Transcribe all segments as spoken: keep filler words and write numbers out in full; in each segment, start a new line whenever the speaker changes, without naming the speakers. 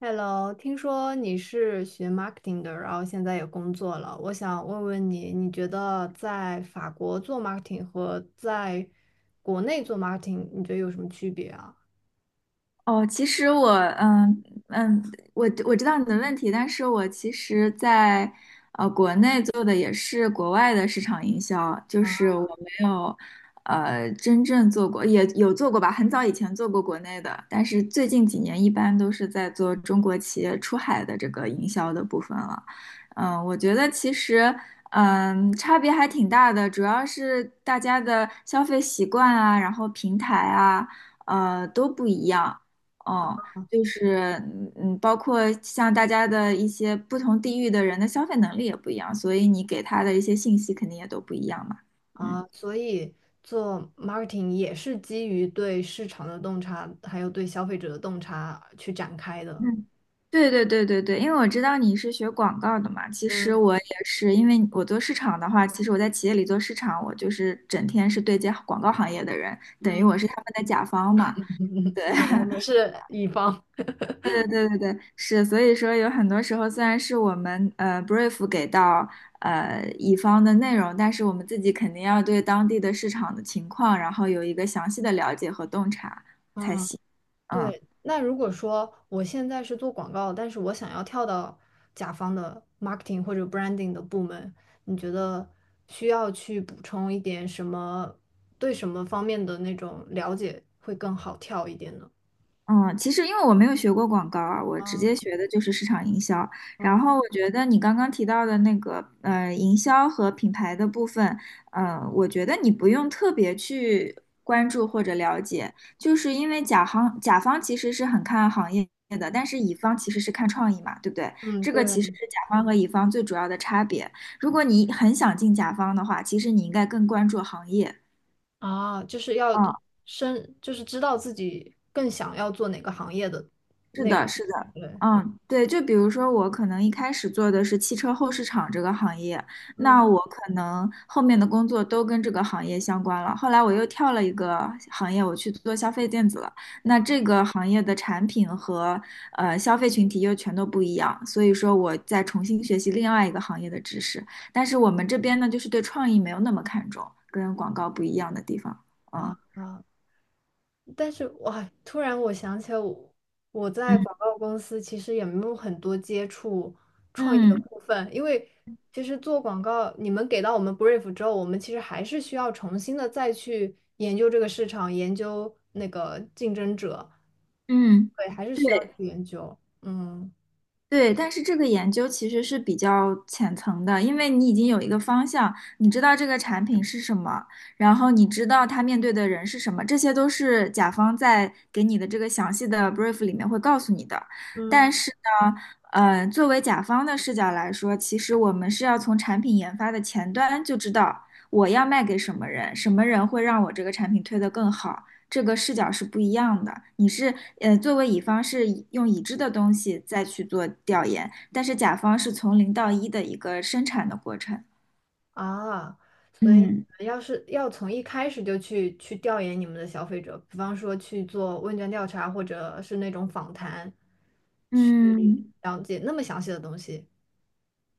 Hello,听说你是学 marketing 的，然后现在也工作了。我想问问你，你觉得在法国做 marketing 和在国内做 marketing，你觉得有什么区别啊？
哦，其实我，嗯嗯，我我知道你的问题，但是我其实在，呃国内做的也是国外的市场营销，就是我没有呃真正做过，也有做过吧，很早以前做过国内的，但是最近几年一般都是在做中国企业出海的这个营销的部分了。嗯，我觉得其实。嗯，差别还挺大的，主要是大家的消费习惯啊，然后平台啊，呃，都不一样。哦，就是嗯，嗯包括像大家的一些不同地域的人的消费能力也不一样，所以你给他的一些信息肯定也都不一样嘛。嗯
啊，所以做 marketing 也是基于对市场的洞察，还有对消费者的洞察去展开的。
嗯，对对对对对，因为我知道你是学广告的嘛，其实
嗯，
我也是，因为我做市场的话，其实我在企业里做市场，我就是整天是对接广告行业的人，等于我
嗯，
是他们的甲方嘛。对，
对，我们 是乙方。
对对对对，对，是，所以说有很多时候，虽然是我们呃 brief 给到呃乙方的内容，但是我们自己肯定要对当地的市场的情况，然后有一个详细的了解和洞察。
嗯。
嗯。
对，那如果说我现在是做广告，但是我想要跳到甲方的 marketing 或者 branding 的部门，你觉得需要去补充一点什么，对什么方面的那种了解会更好跳一点呢？
嗯，其实因为我没有学过广告啊，我直接
啊
学的就是市场营销。然
啊，
后我觉得你刚刚提到的那个呃营销和品牌的部分，嗯，我觉得你不用特别去关注或者了解，就是因为甲方甲方其实是很看行业的，但是乙方其实是看创意嘛，对不对？
嗯，
这
对
个其实是甲方和乙方最主要的差别。如果你很想进甲方的话，其实你应该更关注行业。
啊，就是要
嗯，
深，就是知道自己更想要做哪个行业的
是
内
的，
容。
是的，
对，
嗯，对，就比如说我可能一开始做的是汽车后市场这个行业，
嗯。
那我可能后面的工作都跟这个行业相关了。后来我又跳了一个行业，我去做消费电子了。那这个行业的产品和呃消费群体又全都不一样，所以说我再重新学习另外一个行业的知识。但是我们这边呢，就是对创意没有那么看重，跟广告不一样的地方。
啊
嗯
啊，但是哇，突然我想起来我，我在广
嗯
告公司其实也没有很多接触创业的
嗯
部分，因为其实做广告，你们给到我们 brief 之后，我们其实还是需要重新的再去研究这个市场，研究那个竞争者，
嗯，
对，还是需要
对。
去研究。嗯，
对，但是这个研究其实是比较浅层的，因为你已经有一个方向，你知道这个产品是什么，然后你知道它面对的人是什么，这些都是甲方在给你的这个详细的 brief 里面会告诉你的。但
嗯，
是呢，呃，作为甲方的视角来说，其实我们是要从产品研发的前端就知道我要卖给什么人，什么人会让我这个产品推得更好。这个视角是不一样的。你是呃，作为乙方是以用已知的东西再去做调研，但是甲方是从零到一的一个生产的过程。
啊，所以你
嗯
们要是要从一开始就去去调研你们的消费者，比方说去做问卷调查，或者是那种访谈，去
嗯，
了解那么详细的东西。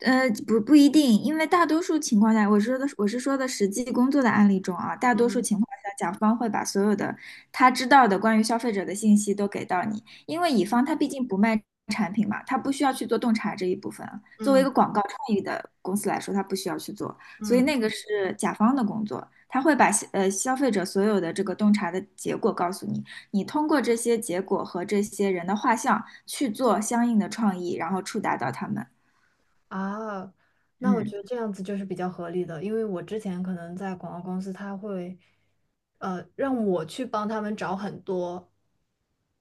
呃，不不一定，因为大多数情况下，我说的我是说的实际工作的案例中啊，大多数
嗯，
情况下，甲方会把所有的他知道的关于消费者的信息都给到你，因为乙方他毕竟不卖产品嘛，他不需要去做洞察这一部分啊，作为一
嗯，
个广告创意的公司来说，他不需要去做，所以
嗯。
那个是甲方的工作，他会把呃消费者所有的这个洞察的结果告诉你，你通过这些结果和这些人的画像去做相应的创意，然后触达到他们。
啊，那我
嗯。
觉得这样子就是比较合理的，因为我之前可能在广告公司，他会，呃，让我去帮他们找很多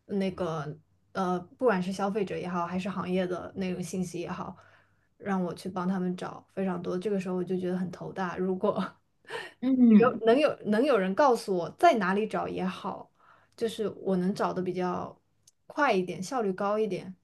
那个，呃，不管是消费者也好，还是行业的那种信息也好，让我去帮他们找非常多。这个时候我就觉得很头大，如果
嗯
有能有能有人告诉我在哪里找也好，就是我能找的比较快一点，效率高一点。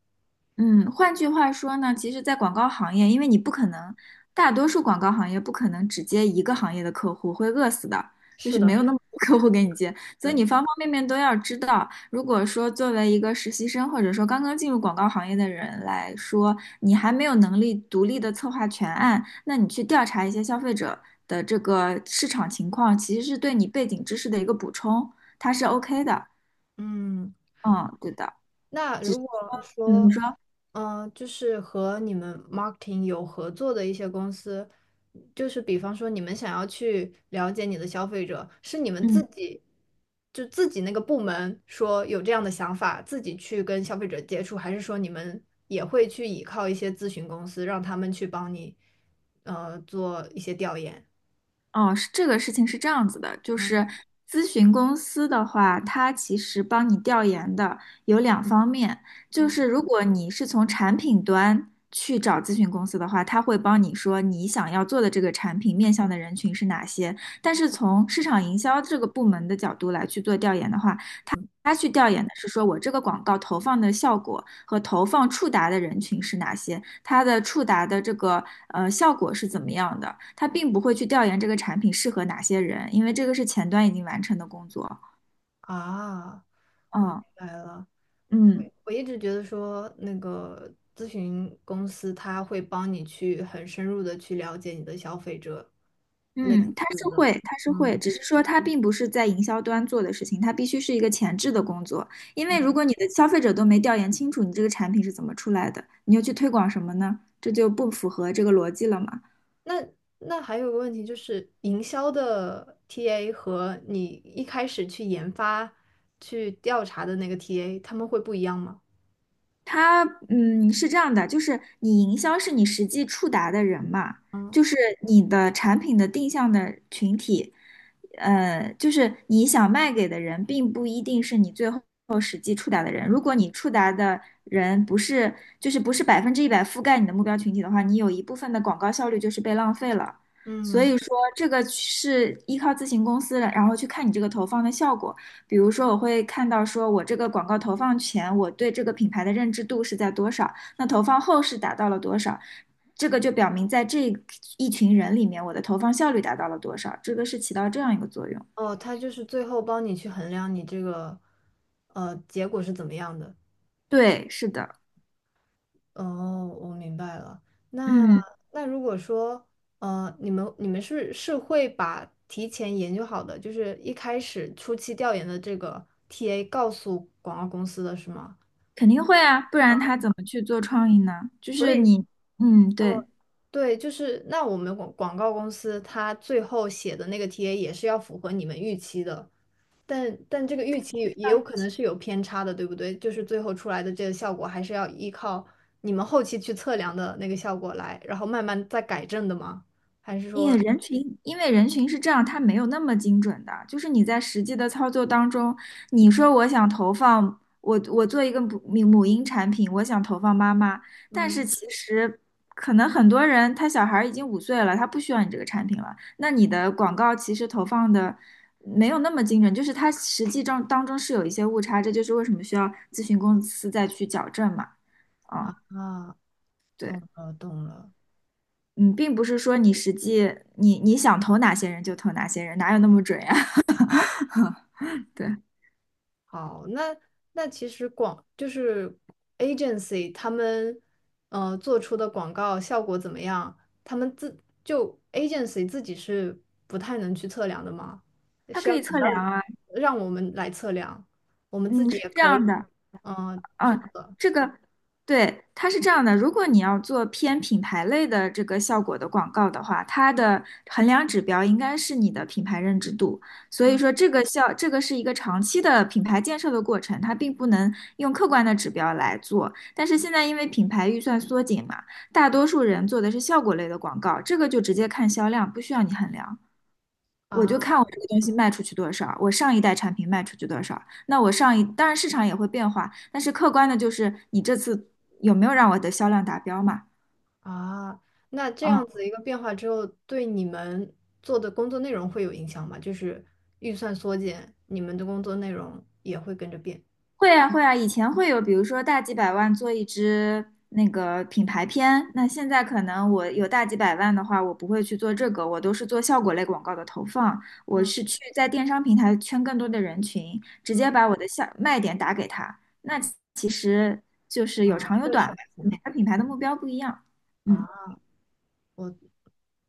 嗯，换句话说呢，其实，在广告行业，因为你不可能，大多数广告行业不可能只接一个行业的客户，会饿死的，就
是
是
的，
没
是
有
的，
那么多 客户给你接，所以
对，
你方方面面都要知道。如果说作为一个实习生，或者说刚刚进入广告行业的人来说，你还没有能力独立的策划全案，那你去调查一些消费者的这个市场情况，其实是对你背景知识的一个补充，它是 OK 的。
嗯。
嗯，对的。
那如果
嗯，你
说，
说。
嗯、就是和你们 marketing 有合作的一些公司，就是比方说你们想要去了解你的消费者，是你们自
嗯。
己就自己那个部门说有这样的想法，自己去跟消费者接触，还是说你们也会去依靠一些咨询公司，让他们去帮你，呃，做一些调研？
哦，是，这个事情是这样子的，就
嗯，
是咨询公司的话，它其实帮你调研的有两方面，就
嗯，
是如果你是从产品端去找咨询公司的话，它会帮你说你想要做的这个产品面向的人群是哪些，但是从市场营销这个部门的角度来去做调研的话，他去调研的是说我这个广告投放的效果和投放触达的人群是哪些，它的触达的这个呃效果是怎么样的，他并不会去调研这个产品适合哪些人，因为这个是前端已经完成的工作。
啊，我明
嗯
白了。
嗯
我一直觉得说，那个咨询公司他会帮你去很深入的去了解你的消费者，类
嗯，他
似
是
的。
会，他是会，只是说他并不是在营销端做的事情，他必须是一个前置的工作，因为如果你的消费者都没调研清楚你这个产品是怎么出来的，你又去推广什么呢？这就不符合这个逻辑了嘛。
那那还有个问题就是，营销的 T A 和你一开始去研发、去调查的那个 T A，他们会不一样吗？
它嗯是这样的，就是你营销是你实际触达的人嘛，
嗯，
就是你的产品的定向的群体，呃，就是你想卖给的人，并不一定是你最后实际触达的人。如果你触达的人不是，就是不是百分之一百覆盖你的目标群体的话，你有一部分的广告效率就是被浪费了。所
嗯，
以说，这个是依靠咨询公司的，然后去看你这个投放的效果。比如说，我会看到说我这个广告投放前，我对这个品牌的认知度是在多少，那投放后是达到了多少，这个就表明在这一群人里面，我的投放效率达到了多少，这个是起到这样一个作用。
哦，他就是最后帮你去衡量你这个呃结果是怎么样的。
对，是的，
哦，我明白了。那
嗯，
那如果说，呃，你们你们是是会把提前研究好的，就是一开始初期调研的这个 T A 告诉广告公司的是吗？
肯定会啊，不然他怎么去做创意呢？就
所
是
以
你，嗯，对。
对，就是那我们广广告公司它最后写的那个 T A 也是要符合你们预期的，但但这个预期也有可能是有偏差的，对不对？就是最后出来的这个效果，还是要依靠你们后期去测量的那个效果来，然后慢慢再改正的吗？还是
因
说，
为人群，因为人群是这样，它没有那么精准的。就是你在实际的操作当中，你说我想投放，我我做一个母母婴产品，我想投放妈妈，但是
嗯，
其实可能很多人他小孩儿已经五岁了，他不需要你这个产品了。那你的广告其实投放的没有那么精准，就是它实际中当中是有一些误差，这就是为什么需要咨询公司再去矫正嘛。
啊，
啊，
懂
对。
了懂了。
嗯，并不是说你实际你你想投哪些人就投哪些人，哪有那么准呀？对，
好，那那其实广就是 agency 他们呃做出的广告效果怎么样？他们自就 agency 自己是不太能去测量的吗？
它
是
可
要
以
等
测
到
量啊。
让我们来测量，我们自
嗯，
己
是
也
这
可以
样的，
嗯、呃去
嗯，
测。
这个，对，它是这样的，如果你要做偏品牌类的这个效果的广告的话，它的衡量指标应该是你的品牌认知度。所以
嗯，
说，这个效，这个是一个长期的品牌建设的过程，它并不能用客观的指标来做。但是现在因为品牌预算缩紧嘛，大多数人做的是效果类的广告，这个就直接看销量，不需要你衡量。我就
啊
看我这个东西卖出去多少，我上一代产品卖出去多少。那我上一，当然市场也会变化，但是客观的就是你这次有没有让我的销量达标嘛？
啊，那这样
嗯。
子一个变化之后，对你们做的工作内容会有影响吗？就是预算缩减，你们的工作内容也会跟着变。
会啊会啊，以前会有，比如说大几百万做一支那个品牌片，那现在可能我有大几百万的话，我不会去做这个，我都是做效果类广告的投放，我
嗯，
是去在电商平台圈更多的人群，直接
嗯，
把我的下卖点打给他。那其实就是有长有
会
短吧，
省钱
每个品牌的目标不一样。嗯，
啊，我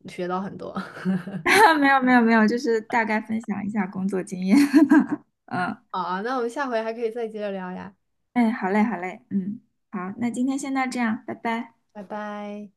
学到很多
没有没有没有，就是大概分享一下工作经验。嗯，
好啊，那我们下回还可以再接着聊呀，
哎，好嘞好嘞，嗯，好，那今天先到这样，拜拜。
拜拜。